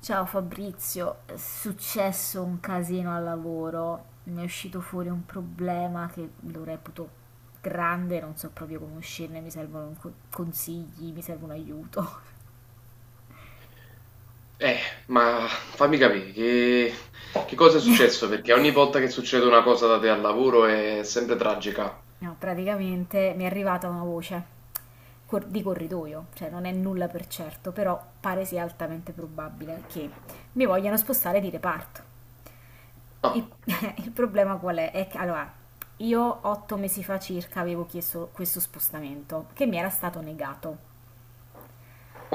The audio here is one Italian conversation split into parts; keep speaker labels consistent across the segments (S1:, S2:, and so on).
S1: Ciao Fabrizio, è successo un casino al lavoro, mi è uscito fuori un problema che lo reputo grande, non so proprio come uscirne, mi servono consigli, mi serve un aiuto.
S2: Eh, ma fammi capire, che cosa è successo? Perché ogni volta che succede una cosa da te al lavoro è sempre tragica.
S1: No, praticamente mi è arrivata una voce di corridoio, cioè non è nulla per certo, però pare sia altamente probabile che mi vogliano spostare di reparto. Il,
S2: Ah,
S1: il problema qual è? È che allora, io 8 mesi fa circa avevo chiesto questo spostamento che mi era stato negato.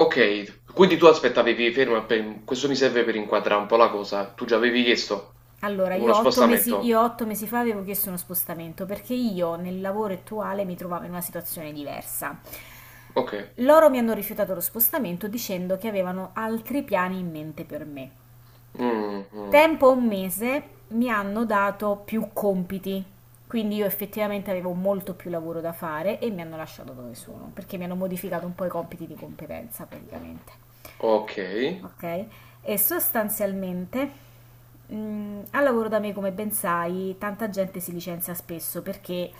S2: ok, quindi tu aspettavi, fermo, questo mi serve per inquadrare un po' la cosa. Tu già avevi chiesto
S1: Allora,
S2: uno
S1: io otto mesi, io
S2: spostamento.
S1: otto mesi fa avevo chiesto uno spostamento perché io nel lavoro attuale mi trovavo in una situazione diversa.
S2: Ok.
S1: Loro mi hanno rifiutato lo spostamento dicendo che avevano altri piani in mente per me.
S2: Mm, mm.
S1: Tempo un mese mi hanno dato più compiti, quindi io effettivamente avevo molto più lavoro da fare e mi hanno lasciato dove sono, perché mi hanno modificato un po' i compiti di competenza praticamente,
S2: Ok,
S1: ok? E sostanzialmente al lavoro da me, come ben sai, tanta gente si licenzia spesso perché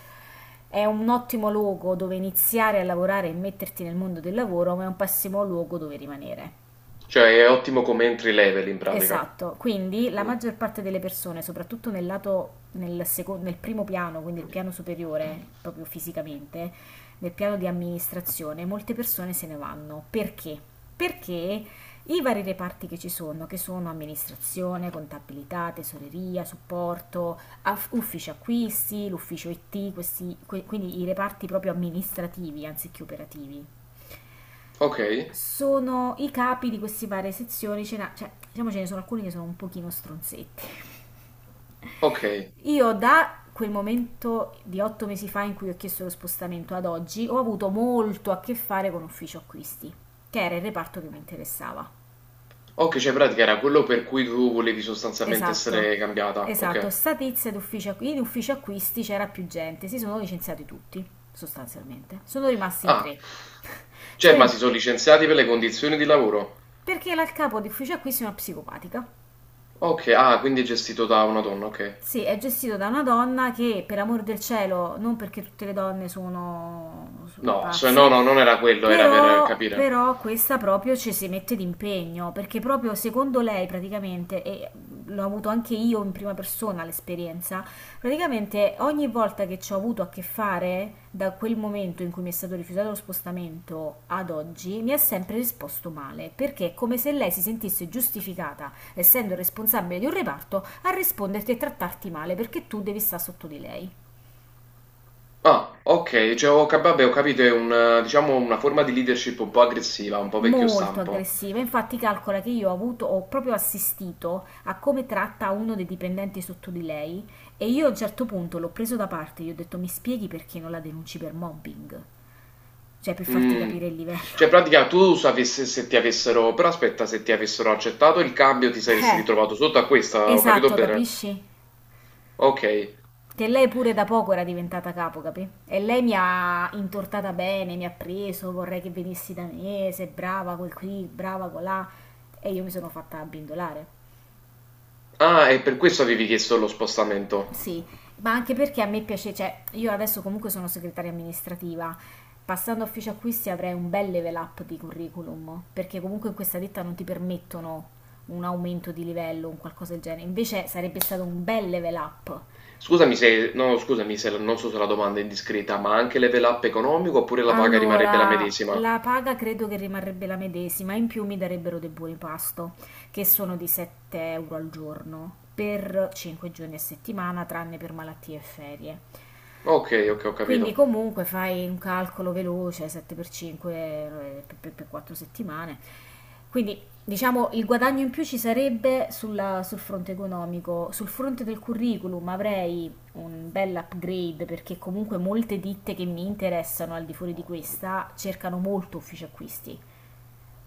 S1: è un ottimo luogo dove iniziare a lavorare e metterti nel mondo del lavoro, ma è un pessimo luogo dove rimanere.
S2: cioè è ottimo come entry level in pratica.
S1: Esatto, quindi la
S2: Mm.
S1: maggior parte delle persone, soprattutto nel lato, nel primo piano, quindi il piano superiore, proprio fisicamente, nel piano di amministrazione, molte persone se ne vanno. Perché? Perché i vari reparti che ci sono, che sono amministrazione, contabilità, tesoreria, supporto, ufficio acquisti, l'ufficio IT, quindi i reparti proprio amministrativi anziché operativi,
S2: Ok,
S1: sono i capi di queste varie sezioni, cioè, diciamo ce ne sono alcuni che sono un pochino stronzetti.
S2: ok,
S1: Io da quel momento di 8 mesi fa in cui ho chiesto lo spostamento ad oggi, ho avuto molto a che fare con ufficio acquisti, che era il reparto che mi interessava.
S2: ok, cioè in pratica era quello per cui tu volevi sostanzialmente
S1: Esatto,
S2: essere cambiata.
S1: esatto,
S2: Ok.
S1: sta tizia d'ufficio, acqu- in ufficio acquisti c'era più gente, si sono licenziati tutti, sostanzialmente. Sono rimasti in
S2: Ah,
S1: tre.
S2: cioè,
S1: Sono
S2: ma
S1: rim-
S2: si sono licenziati per le condizioni di lavoro?
S1: perché la il capo di ufficio acquisti è una psicopatica.
S2: Ok, ah, quindi è gestito da una donna, ok.
S1: Sì, è gestito da una donna che, per amor del cielo, non perché tutte le donne sono
S2: No, no,
S1: pazze,
S2: no, non era quello, era per
S1: però,
S2: capire.
S1: però questa proprio ci si mette d'impegno, perché proprio secondo lei praticamente, e l'ho avuto anche io in prima persona l'esperienza. Praticamente ogni volta che ci ho avuto a che fare, da quel momento in cui mi è stato rifiutato lo spostamento ad oggi, mi ha sempre risposto male, perché è come se lei si sentisse giustificata, essendo responsabile di un reparto, a risponderti e trattarti male perché tu devi stare sotto di lei.
S2: Ah, ok, cioè, vabbè, ho capito, è un, diciamo, una forma di leadership un po' aggressiva, un po' vecchio
S1: Molto
S2: stampo.
S1: aggressiva, infatti calcola che io ho avuto, ho proprio assistito a come tratta uno dei dipendenti sotto di lei e io a un certo punto l'ho preso da parte, gli ho detto mi spieghi perché non la denunci per mobbing, cioè per farti
S2: Mm.
S1: capire il
S2: Cioè, in
S1: livello.
S2: pratica, tu sapessi se ti avessero, però aspetta, se ti avessero accettato il cambio, ti saresti
S1: Eh,
S2: ritrovato sotto a questa, ho capito
S1: esatto,
S2: bene?
S1: capisci?
S2: Ok.
S1: Che lei pure da poco era diventata capo, capì? E lei mi ha intortata bene, mi ha preso, vorrei che venissi da me, sei brava quel qui, brava colà. E io mi sono fatta abbindolare.
S2: Ah, e per questo avevi chiesto lo spostamento.
S1: Sì, ma anche perché a me piace, cioè, io adesso comunque sono segretaria amministrativa. Passando a ufficio acquisti avrei un bel level up di curriculum, perché comunque in questa ditta non ti permettono un aumento di livello, un qualcosa del genere. Invece sarebbe stato un bel level up.
S2: Scusami se non so se la domanda è indiscreta, ma anche level up economico oppure la paga rimarrebbe la
S1: Allora,
S2: medesima?
S1: la paga credo che rimarrebbe la medesima, in più mi darebbero dei buoni pasto, che sono di 7 euro al giorno, per 5 giorni a settimana, tranne per malattie e ferie.
S2: Ok, ok, ho capito.
S1: Quindi comunque fai un calcolo veloce, 7 per 5 per 4 settimane. Quindi diciamo il guadagno in più ci sarebbe sul fronte economico, sul fronte del curriculum avrei un bel upgrade perché comunque molte ditte che mi interessano al di fuori di questa cercano molto uffici acquisti.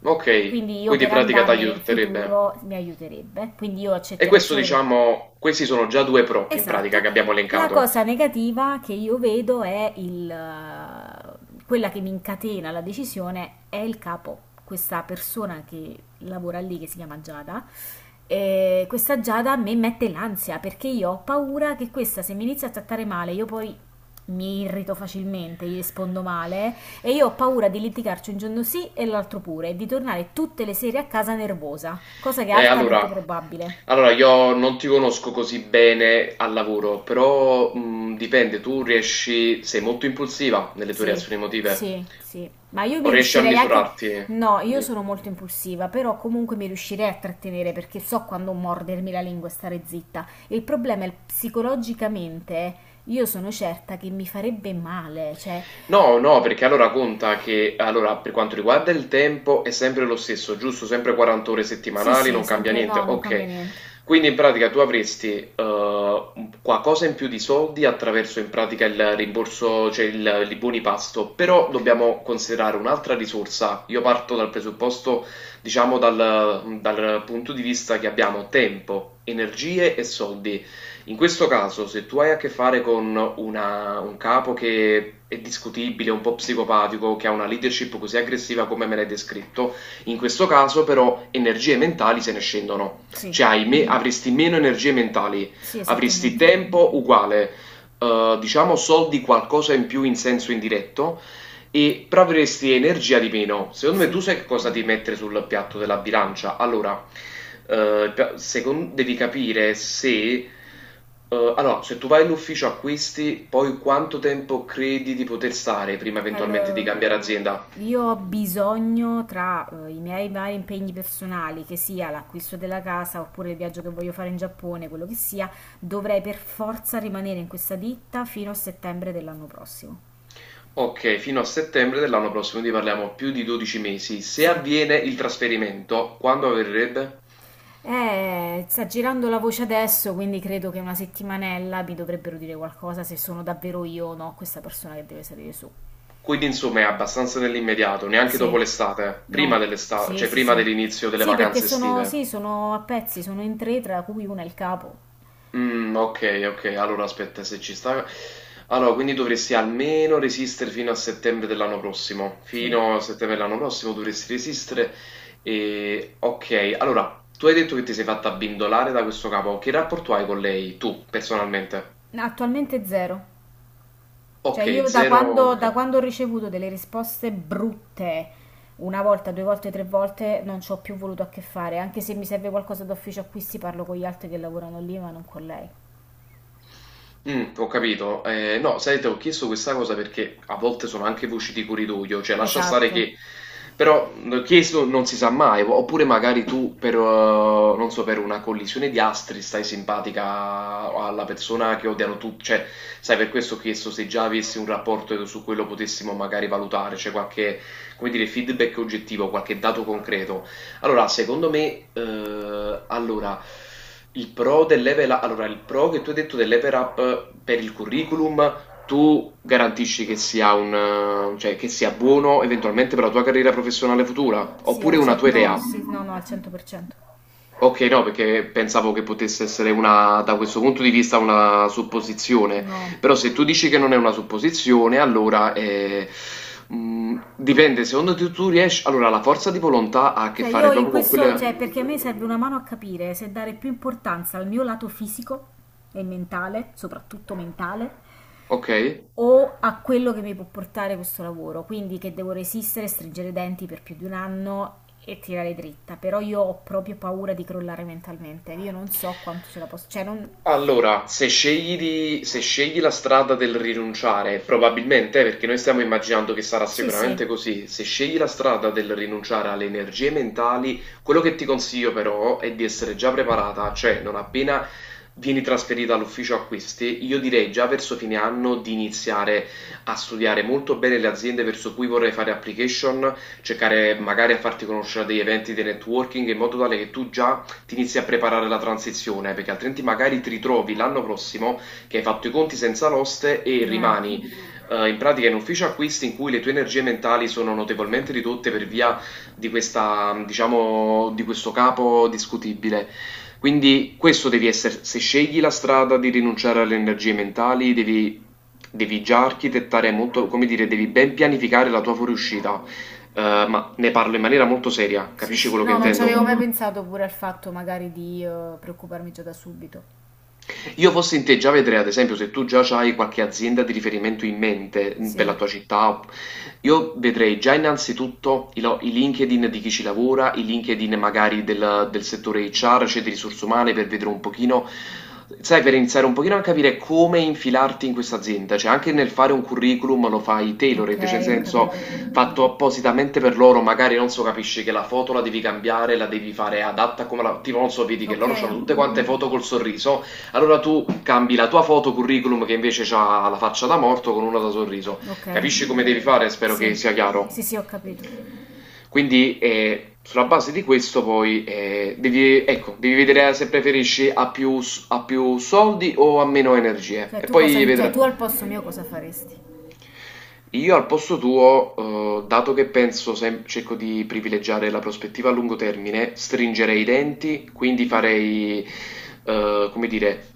S2: Ok,
S1: Quindi io
S2: quindi in
S1: per
S2: pratica
S1: andarmene in
S2: t'aiuterebbe.
S1: futuro mi aiuterebbe. Quindi io
S2: E
S1: accetterei
S2: questo
S1: solo per...
S2: diciamo, questi sono già due pro in pratica
S1: Esatto.
S2: che abbiamo
S1: La
S2: elencato.
S1: cosa negativa che io vedo è quella che mi incatena la decisione è il capo, questa persona che lavora lì, che si chiama Giada. Questa Giada a me mette l'ansia perché io ho paura che questa, se mi inizia a trattare male, io poi mi irrito facilmente, gli rispondo male e io ho paura di litigarci un giorno sì e l'altro pure e di tornare tutte le sere a casa nervosa, cosa che è
S2: Eh,
S1: altamente
S2: allora,
S1: probabile.
S2: allora, io non ti conosco così bene al lavoro, però dipende, tu riesci, sei molto impulsiva nelle tue
S1: Sì,
S2: reazioni emotive
S1: sì, sì, ma io
S2: o
S1: mi
S2: riesci a
S1: riuscirei anche...
S2: misurarti?
S1: No, io
S2: Di-
S1: sono molto impulsiva, però comunque mi riuscirei a trattenere perché so quando mordermi la lingua e stare zitta. Il problema è psicologicamente, io sono certa che mi farebbe male, cioè...
S2: No, no, perché allora conta che, allora, per quanto riguarda il tempo è sempre lo stesso, giusto? Sempre 40 ore
S1: Sì,
S2: settimanali,
S1: sì,
S2: non cambia
S1: sempre...
S2: niente.
S1: No, non cambia
S2: Ok,
S1: niente.
S2: quindi in pratica tu avresti qualcosa in più di soldi attraverso in pratica il rimborso, i buoni pasto, però dobbiamo considerare un'altra risorsa. Io parto dal presupposto, diciamo, dal punto di vista che abbiamo tempo, energie e soldi. In questo caso, se tu hai a che fare con un capo che è discutibile, un po' psicopatico, che ha una leadership così aggressiva come me l'hai descritto, in questo caso però energie mentali se ne scendono.
S1: Sì,
S2: Mm. Avresti meno energie mentali,
S1: sì,
S2: avresti
S1: esattamente.
S2: tempo uguale, diciamo soldi qualcosa in più in senso indiretto, e proveresti energia di meno. Secondo me
S1: Sì.
S2: tu sai che cosa devi mettere sul piatto della bilancia. Allora, eh, devi capire se... se tu vai in ufficio acquisti, poi quanto tempo credi di poter stare prima eventualmente di
S1: Allora,
S2: cambiare azienda?
S1: io ho bisogno tra i miei vari impegni personali, che sia l'acquisto della casa oppure il viaggio che voglio fare in Giappone, quello che sia, dovrei per forza rimanere in questa ditta fino a settembre dell'anno prossimo.
S2: Ok, fino a settembre dell'anno prossimo, quindi parliamo più di 12 mesi. Se
S1: Sì.
S2: avviene il trasferimento, quando avverrebbe?
S1: Sta girando la voce adesso, quindi credo che una settimanella mi dovrebbero dire qualcosa se sono davvero io o no questa persona che deve salire su.
S2: Quindi insomma è abbastanza nell'immediato, neanche
S1: Sì.
S2: dopo l'estate, prima
S1: No.
S2: dell'estate,
S1: Sì,
S2: cioè
S1: sì,
S2: prima
S1: sì.
S2: dell'inizio delle
S1: Sì, perché
S2: vacanze
S1: sono,
S2: estive.
S1: sì, sono a pezzi, sono in tre, tra cui una è il capo.
S2: Mhmm, okay, okay. Allora aspetta, se ci sta quindi dovresti almeno resistere fino a settembre dell'anno prossimo.
S1: Sì,
S2: Fino a settembre dell'anno prossimo dovresti resistere, okay. Allora, tu hai detto che ti sei fatta abbindolare da questo capo. Che rapporto hai con lei, tu personalmente?
S1: attualmente zero. Cioè
S2: Okay,
S1: io
S2: 0,
S1: da
S2: okay.
S1: quando ho ricevuto delle risposte brutte, una volta, due volte, tre volte, non ci ho più voluto a che fare, anche se mi serve qualcosa d'ufficio acquisti parlo con gli altri che lavorano lì, ma non con lei.
S2: Mm, ho capito. No, sai, ti ho chiesto questa cosa perché a volte sono anche voci di corridoio, cioè lascia stare
S1: Esatto.
S2: che... Però chiesto non si sa mai, oppure magari tu per, non so, per una collisione di astri stai simpatica alla persona che odiano tutti, cioè sai, per questo ho chiesto se già avessi un rapporto e su quello potessimo magari valutare, cioè qualche, come dire, feedback oggettivo, qualche dato concreto. Allora, secondo me allora, il pro del level up, allora, il pro che tu hai detto del level up per il curriculum, tu garantisci che sia un, che sia buono eventualmente per la tua carriera professionale futura,
S1: Sì,
S2: oppure una tua
S1: no,
S2: idea?
S1: sì, no, no, al 100%.
S2: Ok, no, perché pensavo che potesse essere una, da questo punto di vista, una supposizione.
S1: No.
S2: Però se tu dici che non è una supposizione, allora dipende, secondo te tu riesci... Allora, la forza di volontà ha a che
S1: Cioè
S2: fare
S1: io in
S2: proprio con
S1: questo, cioè
S2: quelle...
S1: perché a me serve una mano a capire se dare più importanza al mio lato fisico e mentale, soprattutto mentale,
S2: Ok?
S1: o a quello che mi può portare questo lavoro, quindi che devo resistere, stringere i denti per più di un anno e tirare dritta, però io ho proprio paura di crollare mentalmente, io non so quanto ce la posso, cioè non...
S2: Allora, se scegli la strada del rinunciare, probabilmente, perché noi stiamo immaginando che sarà
S1: Sì, sì,
S2: sicuramente così, se scegli la strada del rinunciare alle energie mentali, quello che ti consiglio però è di essere già preparata, cioè non appena vieni trasferita all'ufficio acquisti, io direi già verso fine anno di iniziare a studiare molto bene le aziende verso cui vorrei fare application, cercare magari a farti conoscere degli eventi di networking in modo tale che tu già ti inizi a preparare la transizione, perché altrimenti magari ti ritrovi l'anno prossimo che hai fatto i conti senza l'oste e
S1: eh,
S2: rimani in pratica in ufficio acquisti in cui le tue energie mentali sono notevolmente ridotte per via di questa, diciamo, di questo capo discutibile. Quindi questo devi essere, se scegli la strada di rinunciare alle energie mentali, devi già architettare molto, come dire, devi ben pianificare la tua fuoriuscita. Ma ne parlo in maniera molto seria,
S1: sì,
S2: capisci
S1: sì,
S2: quello che
S1: no, non ci avevo mai
S2: intendo?
S1: pensato pure al fatto magari di preoccuparmi già da subito.
S2: Io fossi in te già vedrei, ad esempio, se tu già hai qualche azienda di riferimento in mente mm, per la
S1: Sì,
S2: tua città, io vedrei già innanzitutto i LinkedIn di chi ci lavora, i LinkedIn magari del settore HR, cioè di risorse umane, per vedere un pochino, sai, per iniziare un pochino a capire come infilarti in questa azienda, cioè anche nel fare un curriculum lo fai
S1: ok,
S2: tailored, cioè nel
S1: ho
S2: senso
S1: capito.
S2: fatto appositamente per loro, magari non so, capisci che la foto la devi cambiare, la devi fare adatta come la... tipo non so, vedi che
S1: Ok,
S2: loro hanno tutte quante foto col sorriso, allora tu cambi la tua foto curriculum che invece ha la faccia da morto con una da sorriso.
S1: ok,
S2: Capisci come devi fare? Spero che
S1: sì,
S2: sia chiaro.
S1: sì, sì, ho capito.
S2: Quindi sulla base di questo poi devi, ecco, devi vedere se preferisci a più soldi o a meno energie
S1: Cioè
S2: e
S1: tu
S2: poi
S1: cosa, cioè
S2: vedrai.
S1: tu al posto mio cosa faresti?
S2: Io al posto tuo, dato che penso, cerco di privilegiare la prospettiva a lungo termine, stringerei i denti, quindi farei, come dire,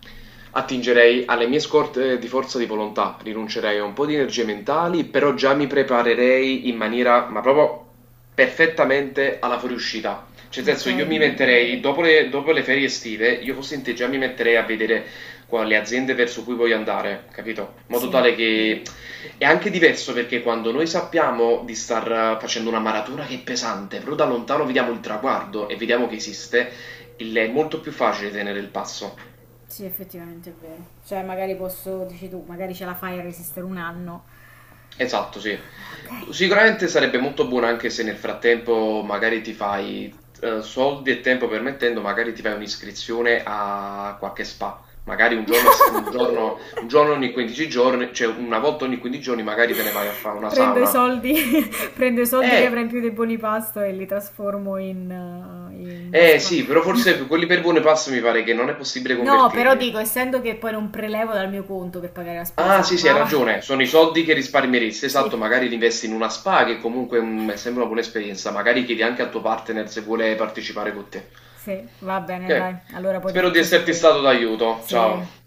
S2: attingerei alle mie scorte di forza di volontà, rinuncerei a un po' di energie mentali, però già mi preparerei in maniera, ma proprio perfettamente alla fuoriuscita. Cioè, nel
S1: Ok,
S2: senso, io mi metterei, dopo le ferie estive, io fossi in te già mi metterei a vedere le aziende verso cui voglio andare, capito? In modo
S1: sì.
S2: tale che è anche diverso perché quando noi sappiamo di star facendo una maratona che è pesante, però da lontano vediamo il traguardo e vediamo che esiste, è molto più facile tenere il passo.
S1: Sì, effettivamente è vero. Cioè, magari posso, dici tu, magari ce la fai a resistere un anno.
S2: Esatto, sì.
S1: Ok.
S2: Sicuramente sarebbe molto buono anche se nel frattempo magari ti fai, soldi e tempo permettendo, magari ti fai un'iscrizione a qualche spa. Magari un giorno, un giorno ogni 15 giorni, cioè una volta ogni 15 giorni magari te ne vai a fare una
S1: Prendo i
S2: sauna.
S1: soldi, prendo i soldi che avrei in
S2: Eh,
S1: più dei buoni pasto e li trasformo in, in
S2: eh
S1: spa.
S2: sì, però forse quelli per buone passo mi pare che non è possibile
S1: No, però
S2: convertirli.
S1: dico, essendo che poi non prelevo dal mio conto per pagare la
S2: Ah
S1: spesa,
S2: sì, sì, hai
S1: va, va.
S2: ragione, sono i soldi che risparmieresti, esatto,
S1: Sì.
S2: magari li investi in una spa che comunque mm, è sempre una buona esperienza, magari chiedi anche al tuo partner se vuole partecipare con te.
S1: Sì, va bene, dai.
S2: Ok,
S1: Allora poi ti
S2: spero di
S1: faccio
S2: esserti
S1: sapere.
S2: stato d'aiuto, ciao.
S1: Sì,